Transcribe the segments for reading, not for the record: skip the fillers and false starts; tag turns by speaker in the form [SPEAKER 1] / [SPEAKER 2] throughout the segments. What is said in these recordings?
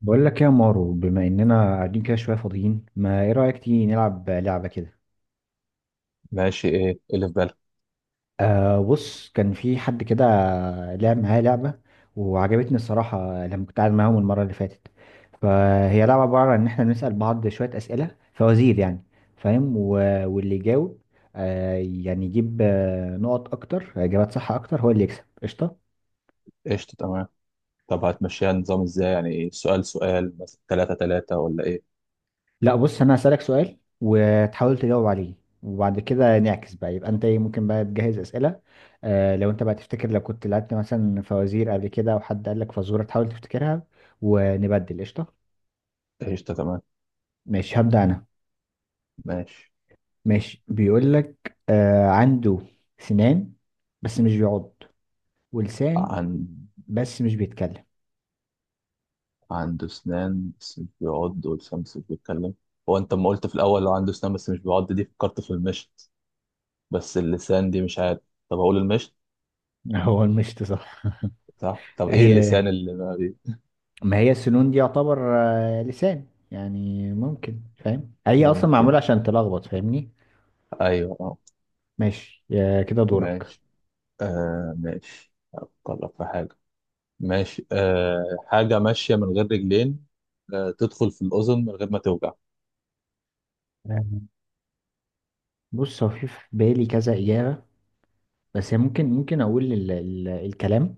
[SPEAKER 1] بقول لك إيه يا مارو، بما اننا قاعدين كده شويه فاضيين، ما ايه رايك تيجي نلعب لعبه كده؟
[SPEAKER 2] ماشي. ايه إيه اللي في بالك؟
[SPEAKER 1] بص، كان في حد كده لعب معايا لعبه وعجبتني الصراحه لما كنت قاعد معاهم المره اللي فاتت. فهي لعبه عباره عن ان احنا بنسال بعض شويه اسئله، فوازير يعني، فاهم واللي يجاوب يجيب نقط اكتر، اجابات صح اكتر، هو اللي يكسب قشطه.
[SPEAKER 2] قشطة، تمام. طب هتمشيها نظام ازاي؟ يعني ايه، سؤال سؤال مثلا، تلاتة تلاتة، ولا ايه؟
[SPEAKER 1] لا بص، انا هسألك سؤال وتحاول تجاوب عليه، وبعد كده نعكس بقى، يبقى انت إيه، ممكن بقى تجهز اسئله. لو انت بقى تفتكر لو كنت لعبت مثلا فوازير قبل كده او حد قال لك فزوره تحاول تفتكرها، ونبدل قشطه.
[SPEAKER 2] قشطة، تمام.
[SPEAKER 1] ماشي هبدا انا.
[SPEAKER 2] ماشي.
[SPEAKER 1] ماشي، بيقول لك عنده سنان بس مش بيعض، ولسان
[SPEAKER 2] عن
[SPEAKER 1] بس مش بيتكلم.
[SPEAKER 2] عنده اسنان بس مش بيعض، ولسان بس مش بيتكلم. هو انت لما قلت في الاول لو عنده اسنان بس مش بيعض، دي فكرت في المشط، بس اللسان دي مش عارف. طب اقول المشط؟
[SPEAKER 1] هو المشط صح.
[SPEAKER 2] صح. طب ايه
[SPEAKER 1] هي
[SPEAKER 2] اللسان اللي ما بي...
[SPEAKER 1] ما هي السنون دي يعتبر لسان يعني، ممكن، فاهم؟ هي اصلا
[SPEAKER 2] ممكن؟
[SPEAKER 1] معموله عشان تلخبط، فاهمني.
[SPEAKER 2] ايوه، اه.
[SPEAKER 1] ماشي يا كده دورك.
[SPEAKER 2] ماشي. ماشي، افكر لك في حاجة. ماشي. حاجة ماشية من غير رجلين. تدخل في الأذن من غير ما توجع.
[SPEAKER 1] آه، بص هو في بالي كذا إجابة بس هي ممكن أقول ال الكلام.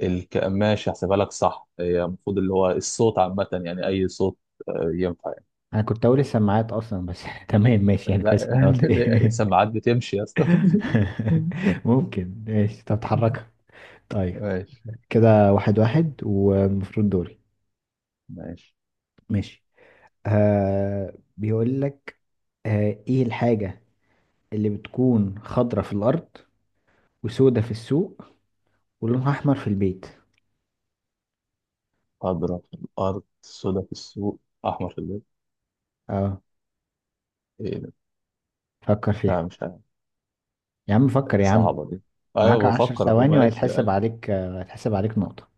[SPEAKER 2] ماشي، هحسبها لك. صح، هي المفروض اللي هو الصوت عامة، يعني أي صوت ينفع يعني.
[SPEAKER 1] أنا كنت أقول السماعات أصلا بس تمام، ماشي يعني، كويس إن
[SPEAKER 2] لا.
[SPEAKER 1] أنا قلت إيه.
[SPEAKER 2] السماعات بتمشي يا اسطى.
[SPEAKER 1] ممكن، ماشي تتحرك. طيب،
[SPEAKER 2] ماشي.
[SPEAKER 1] كده واحد واحد والمفروض دوري.
[SPEAKER 2] ماشي.
[SPEAKER 1] ماشي، بيقول لك آه، إيه الحاجة اللي بتكون خضرة في الأرض وسودة في السوق ولونها أحمر في البيت؟
[SPEAKER 2] أضرب في الأرض، سودا في السوق، أحمر في البيت.
[SPEAKER 1] اه،
[SPEAKER 2] إيه ده؟
[SPEAKER 1] فكر فيها.
[SPEAKER 2] لا، مش عارف.
[SPEAKER 1] يا عم فكر يا عم،
[SPEAKER 2] صعبة دي.
[SPEAKER 1] معاك
[SPEAKER 2] أيوة،
[SPEAKER 1] عشر
[SPEAKER 2] بفكر أهو.
[SPEAKER 1] ثواني
[SPEAKER 2] ماشي.
[SPEAKER 1] وهيتحسب
[SPEAKER 2] أيوة.
[SPEAKER 1] عليك آه، هيتحسب عليك نقطة.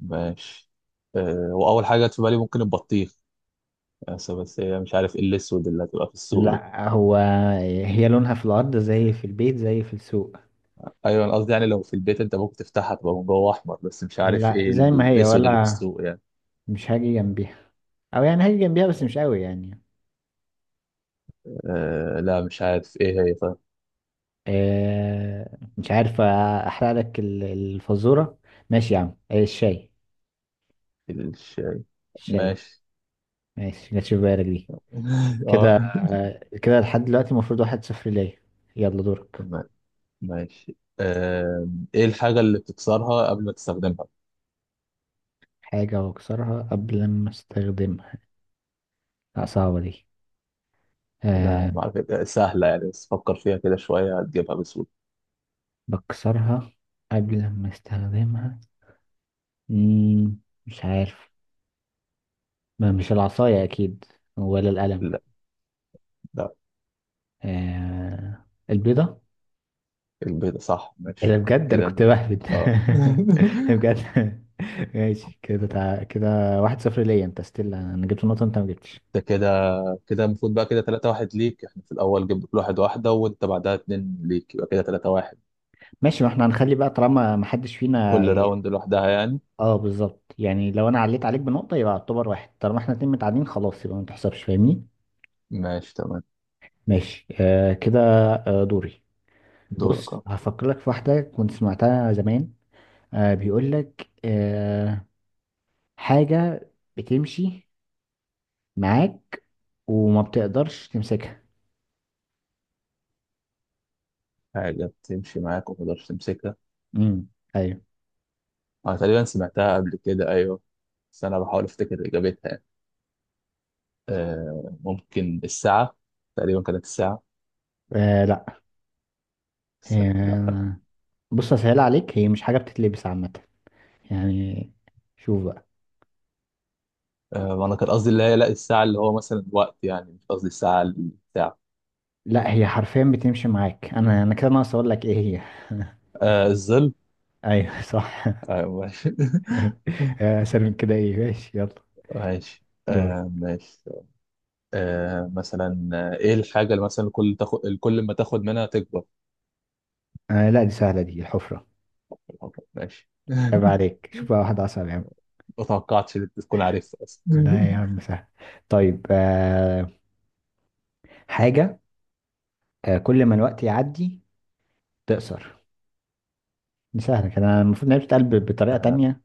[SPEAKER 2] ماشي. وأول حاجة جت في بالي ممكن البطيخ، بس هي مش عارف إيه الأسود اللي هتبقى في السوق دي.
[SPEAKER 1] لا، هو هي لونها في الأرض زي في البيت زي في السوق.
[SPEAKER 2] ايوه، انا قصدي يعني لو في البيت انت ممكن تفتحها تبقى من جوه احمر، بس مش عارف
[SPEAKER 1] لا
[SPEAKER 2] ايه
[SPEAKER 1] زي ما هي،
[SPEAKER 2] الاسود اللي في
[SPEAKER 1] ولا
[SPEAKER 2] السوق يعني.
[SPEAKER 1] مش هاجي جنبيها، أو يعني هاجي جنبيها بس مش قوي يعني.
[SPEAKER 2] لا، مش عارف ايه هي. طيب.
[SPEAKER 1] آه مش عارف، أحرق لك الفزورة. ماشي يا عم آه، الشاي.
[SPEAKER 2] الشاي.
[SPEAKER 1] الشاي.
[SPEAKER 2] ماشي.
[SPEAKER 1] ماشي، جاتش في بالك دي. كده
[SPEAKER 2] اه.
[SPEAKER 1] آه، كده لحد دلوقتي المفروض واحد صفر ليا. يلا دورك.
[SPEAKER 2] ما- ماشي. ايه الحاجة اللي بتكسرها قبل ما تستخدمها؟
[SPEAKER 1] حاجة وأكسرها قبل ما أستخدمها؟ لا صعبة دي.
[SPEAKER 2] لا،
[SPEAKER 1] آه،
[SPEAKER 2] ما اعرف إيه. سهلة يعني، بس فكر فيها كده شوية، هتجيبها بسهولة.
[SPEAKER 1] بكسرها قبل ما استخدمها. مم، مش عارف. ما مش العصاية أكيد، ولا القلم.
[SPEAKER 2] لا، لا.
[SPEAKER 1] آه البيضة.
[SPEAKER 2] البيضة؟ صح،
[SPEAKER 1] إيه ده،
[SPEAKER 2] ماشي.
[SPEAKER 1] بجد أنا
[SPEAKER 2] كده،
[SPEAKER 1] كنت بهبد.
[SPEAKER 2] اه.
[SPEAKER 1] بجد. ماشي كده كده، واحد صفر ليا، أنت ستيل أنا جبت نقطة أنت ما جبتش.
[SPEAKER 2] ده كده المفروض بقى كده 3 واحد ليك. احنا في الاول جبنا كل واحد واحدة، وانت بعدها اتنين ليك، يبقى كده 3 واحد.
[SPEAKER 1] ماشي، ما احنا هنخلي بقى طالما ما حدش فينا.
[SPEAKER 2] كل راوند لوحدها يعني.
[SPEAKER 1] اه بالظبط يعني، لو أنا عليت عليك بنقطة يبقى اعتبر واحد، طالما احنا اتنين متعادلين خلاص يبقى ما تحسبش، فاهمني.
[SPEAKER 2] ماشي، تمام.
[SPEAKER 1] ماشي، آه كده. آه دوري.
[SPEAKER 2] دورك
[SPEAKER 1] بص
[SPEAKER 2] أهو.
[SPEAKER 1] هفكر لك في واحدة كنت سمعتها زمان. آه بيقول لك آه، حاجة بتمشي معاك وما بتقدرش تمسكها.
[SPEAKER 2] حاجة بتمشي معاك وما تقدرش تمسكها؟
[SPEAKER 1] امم ايوه.
[SPEAKER 2] أنا تقريبا سمعتها قبل كده، أيوه، بس أنا بحاول أفتكر إجابتها يعني. ممكن الساعة، تقريبا كانت الساعة،
[SPEAKER 1] آه لا.
[SPEAKER 2] بس لا.
[SPEAKER 1] آه بص، هسهل عليك، هي مش حاجة بتتلبس عامة يعني، شوف بقى.
[SPEAKER 2] أنا كان قصدي اللي هي، لا، الساعة اللي هو مثلا وقت، يعني مش قصدي الساعة الساعة.
[SPEAKER 1] لا هي حرفيا بتمشي معاك، انا كده ناقص اقول لك ايه هي.
[SPEAKER 2] الظل.
[SPEAKER 1] ايوه صح.
[SPEAKER 2] أيوه، ماشي.
[SPEAKER 1] آه، اسهل من كده، ايه ماشي يلا.
[SPEAKER 2] ماشي.
[SPEAKER 1] دور.
[SPEAKER 2] ماشي. مثلا، إيه الحاجة اللي مثلا كل ما تاخد منها تكبر؟
[SPEAKER 1] آه لا دي سهلة، دي الحفرة.
[SPEAKER 2] ماشي.
[SPEAKER 1] عيب عليك، شوف بقى واحدة اصعب يا عم.
[SPEAKER 2] ما توقعتش ان انت تكون عارفها اصلا.
[SPEAKER 1] لا يا عم سهل. طيب آه، حاجة آه، كل ما الوقت يعدي تقصر. دي سهلة، كده أنا المفروض إنها بتتقال بطريقة
[SPEAKER 2] آه,
[SPEAKER 1] تانية.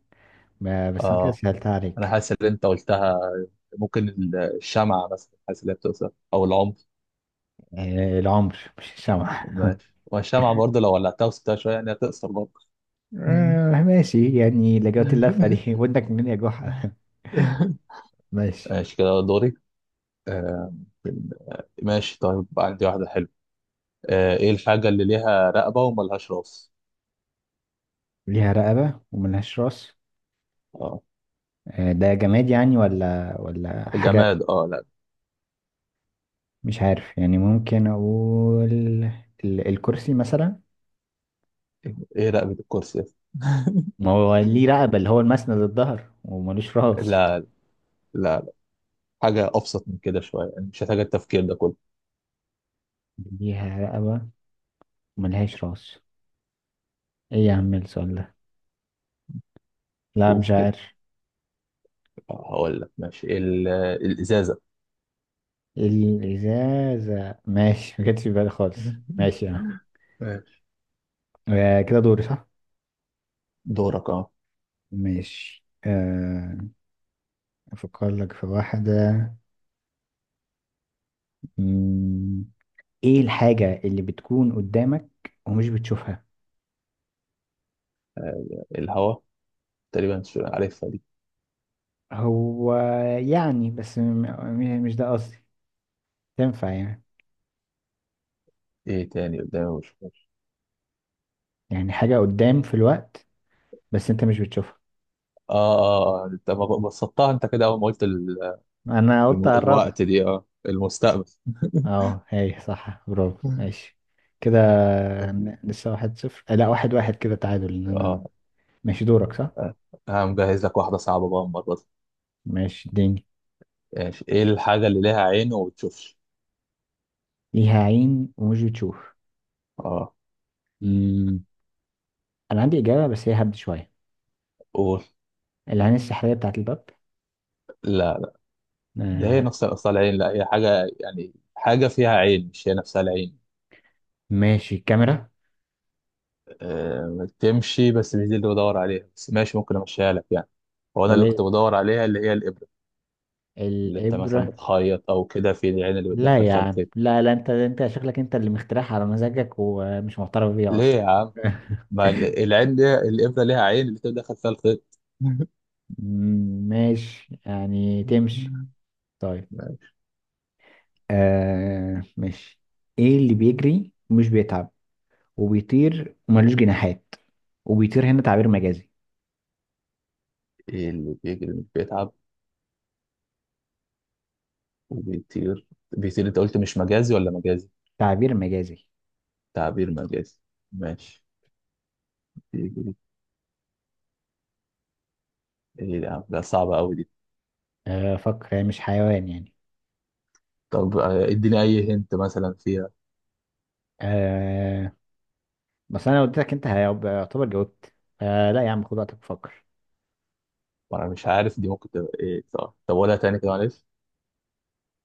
[SPEAKER 1] آه، بس أنا كده
[SPEAKER 2] اه،
[SPEAKER 1] سهلتها
[SPEAKER 2] انا
[SPEAKER 1] عليك.
[SPEAKER 2] حاسس ان انت قلتها. ممكن الشمعة مثلا، حاسس ان هي بتقصر، او العنف.
[SPEAKER 1] آه العمر، مش الشمع.
[SPEAKER 2] ماشي، والشمعة برضه لو ولعتها وسبتها شوية يعني هتقصر برضه.
[SPEAKER 1] آه ماشي يعني، لجوت اللفة دي ودك منين يا جحا. ماشي.
[SPEAKER 2] ماشي، كده دوري. آه ماشي، طيب عندي واحدة حلوة. ايه الحاجة اللي ليها رقبة وملهاش راس؟
[SPEAKER 1] ليها رقبة وملهاش راس.
[SPEAKER 2] اه.
[SPEAKER 1] آه ده جماد يعني ولا حاجة؟
[SPEAKER 2] جماد، اه، لا.
[SPEAKER 1] مش عارف يعني، ممكن أقول الكرسي مثلا.
[SPEAKER 2] ايه، رقبة الكرسي؟
[SPEAKER 1] ما هو ليه رقبة، اللي هو المسند الظهر، وملوش راس.
[SPEAKER 2] لا، لا. حاجة أبسط من كده شوية، يعني مش محتاجة التفكير ده كله.
[SPEAKER 1] ليها رقبة، ملهاش راس، ايه يا عم السؤال ده. لا مش
[SPEAKER 2] شوف كده.
[SPEAKER 1] عارف.
[SPEAKER 2] هقول لك، ماشي، الازازه.
[SPEAKER 1] الإزازة، ماشي ما جاتش في بالي خالص. ماشي اه.
[SPEAKER 2] ماشي.
[SPEAKER 1] آه، كده دوري صح.
[SPEAKER 2] دورك، اه.
[SPEAKER 1] ماشي آه، أفكر لك في واحدة. مم، ايه الحاجة اللي بتكون قدامك ومش بتشوفها؟
[SPEAKER 2] الهواء؟ تقريبا مش عارفها دي.
[SPEAKER 1] هو يعني، بس مش ده قصدي، تنفع يعني.
[SPEAKER 2] ايه تاني قدامي؟ مش فاكر.
[SPEAKER 1] يعني حاجة قدام في الوقت، بس انت مش بتشوفها.
[SPEAKER 2] اه، اه. انت بسطتها انت، كده اول ما قلت
[SPEAKER 1] انا قلت اعرفها.
[SPEAKER 2] الوقت دي. اه، المستقبل.
[SPEAKER 1] اه هي صح، برافو ماشي. كده لسه واحد صفر آه، لا واحد واحد كده، تعادل ان انا.
[SPEAKER 2] اه.
[SPEAKER 1] ماشي دورك صح.
[SPEAKER 2] آه. انا مجهز لك واحده صعبه بقى المره دي.
[SPEAKER 1] ماشي اديني.
[SPEAKER 2] ماشي. ايه الحاجه اللي ليها عين وما بتشوفش؟
[SPEAKER 1] ليها عين ومش بتشوف.
[SPEAKER 2] اه.
[SPEAKER 1] مم. انا عندي اجابة بس هي هبد شوية،
[SPEAKER 2] قول.
[SPEAKER 1] العين السحرية بتاعت الباب.
[SPEAKER 2] لا، ده هي
[SPEAKER 1] آه.
[SPEAKER 2] نفس اصل العين، لا هي حاجه يعني، حاجه فيها عين مش هي نفسها العين.
[SPEAKER 1] ماشي، الكاميرا.
[SPEAKER 2] تمشي، بس مش دي اللي بدور عليها، بس ماشي، ممكن امشيها لك يعني. هو انا
[SPEAKER 1] طب
[SPEAKER 2] اللي كنت
[SPEAKER 1] ايه،
[SPEAKER 2] بدور عليها اللي هي الابره، اللي انت مثلا
[SPEAKER 1] الإبرة؟
[SPEAKER 2] بتخيط او كده في العين اللي
[SPEAKER 1] لا
[SPEAKER 2] بتدخل
[SPEAKER 1] يا
[SPEAKER 2] فيها
[SPEAKER 1] عم
[SPEAKER 2] الخيط.
[SPEAKER 1] لا لا، انت انت شكلك انت اللي مخترعها على مزاجك ومش معترف بيها
[SPEAKER 2] ليه
[SPEAKER 1] اصلا.
[SPEAKER 2] يا عم؟ ما العين، ليها الابره، ليها عين اللي بتدخل فيها الخيط.
[SPEAKER 1] ماشي يعني تمشي. طيب آه ماشي. ايه اللي بيجري ومش بيتعب، وبيطير وملوش جناحات، وبيطير هنا تعبير مجازي.
[SPEAKER 2] ايه اللي بيجري مش بيتعب، وبيطير؟ بيطير، انت قلت مش مجازي ولا مجازي؟
[SPEAKER 1] تعبير مجازي.
[SPEAKER 2] تعبير مجازي. ماشي. بيجري؟ ايه ده يا عم؟ ده صعبة قوي دي.
[SPEAKER 1] آه فكر، يعني مش حيوان يعني.
[SPEAKER 2] طب اديني اي هنت مثلا فيها.
[SPEAKER 1] آه بس انا لو اديتك انت هيبقى، يعتبر جاوبت. آه لا يا عم، خد وقتك وفكر.
[SPEAKER 2] وانا مش عارف دي ممكن تبقى ايه. طب قولها تاني كده، معلش.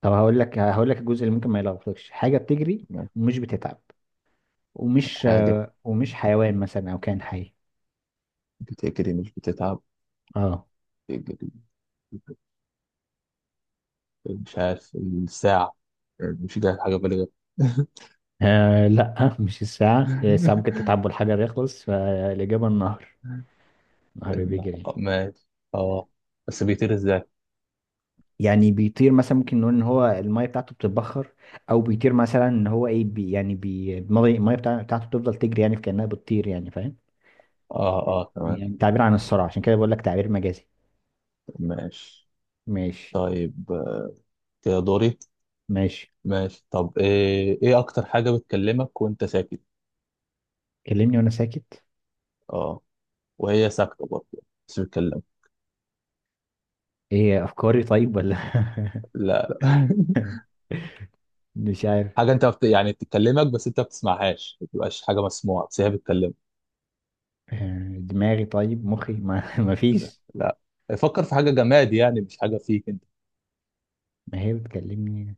[SPEAKER 1] طب هقول لك الجزء اللي ممكن ما يلخبطكش، حاجة بتجري
[SPEAKER 2] ما
[SPEAKER 1] ومش بتتعب، ومش
[SPEAKER 2] حاجة
[SPEAKER 1] آه ومش حيوان مثلا او كائن حي.
[SPEAKER 2] بتجري مش بتتعب.
[SPEAKER 1] اه.
[SPEAKER 2] بتجري. مش عارف، الساعة يعني، مش جاي حاجة بالغة.
[SPEAKER 1] آه لا مش الساعة، الساعة ممكن تتعب والحجر يخلص، فالإجابة النهر. النهر بيجري.
[SPEAKER 2] ماشي. اه. بس بيطير ازاي؟
[SPEAKER 1] يعني بيطير مثلا، ممكن نقول ان هو الميه بتاعته بتتبخر، او بيطير مثلا ان هو ايه بي يعني بي المية بتاعته بتفضل تجري يعني كانها بتطير يعني، فاهم.
[SPEAKER 2] اه، اه، تمام.
[SPEAKER 1] يعني تعبير عن السرعه، عشان كده بقول لك تعبير مجازي.
[SPEAKER 2] ماشي.
[SPEAKER 1] ماشي.
[SPEAKER 2] طيب كده دوري.
[SPEAKER 1] ماشي،
[SPEAKER 2] ماشي. طب ايه اكتر حاجة بتكلمك وانت ساكت؟
[SPEAKER 1] كلمني وانا ساكت.
[SPEAKER 2] اه، وهي ساكتة برضه، بس بتكلمك.
[SPEAKER 1] ايه، افكاري طيب ولا؟
[SPEAKER 2] لا، لا.
[SPEAKER 1] مش عارف.
[SPEAKER 2] حاجة انت يعني بتكلمك بس انت ما بتسمعهاش، ما بتبقاش حاجة مسموعة، بس هي بتكلمك.
[SPEAKER 1] آه، دماغي طيب، مخي ما ما فيش.
[SPEAKER 2] لا. فكر في حاجة جماد يعني، مش حاجة فيك انت.
[SPEAKER 1] ما هي بتكلمني،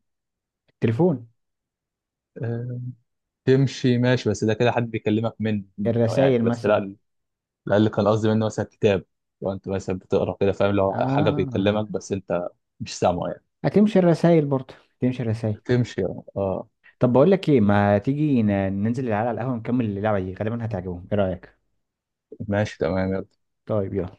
[SPEAKER 1] التليفون.
[SPEAKER 2] آه، تمشي، ماشي، بس ده كده حد بيكلمك منه يعني،
[SPEAKER 1] الرسائل
[SPEAKER 2] بس
[SPEAKER 1] مثلا.
[SPEAKER 2] لا. الأقل كان قصدي منه مثلا كتاب. لو انت مثلا بتقرا كده، فاهم، لو حاجة
[SPEAKER 1] اه،
[SPEAKER 2] بيكلمك بس انت مش سامعه يعني.
[SPEAKER 1] هتمشي الرسائل برضه. تمشي الرسائل.
[SPEAKER 2] تمشي، اه.
[SPEAKER 1] طب بقول لك ايه، ما تيجي ننزل العيال على القهوه نكمل اللعبه دي، غالبا هتعجبهم، ايه رايك؟
[SPEAKER 2] ماشي، تمام، يلا.
[SPEAKER 1] طيب يلا.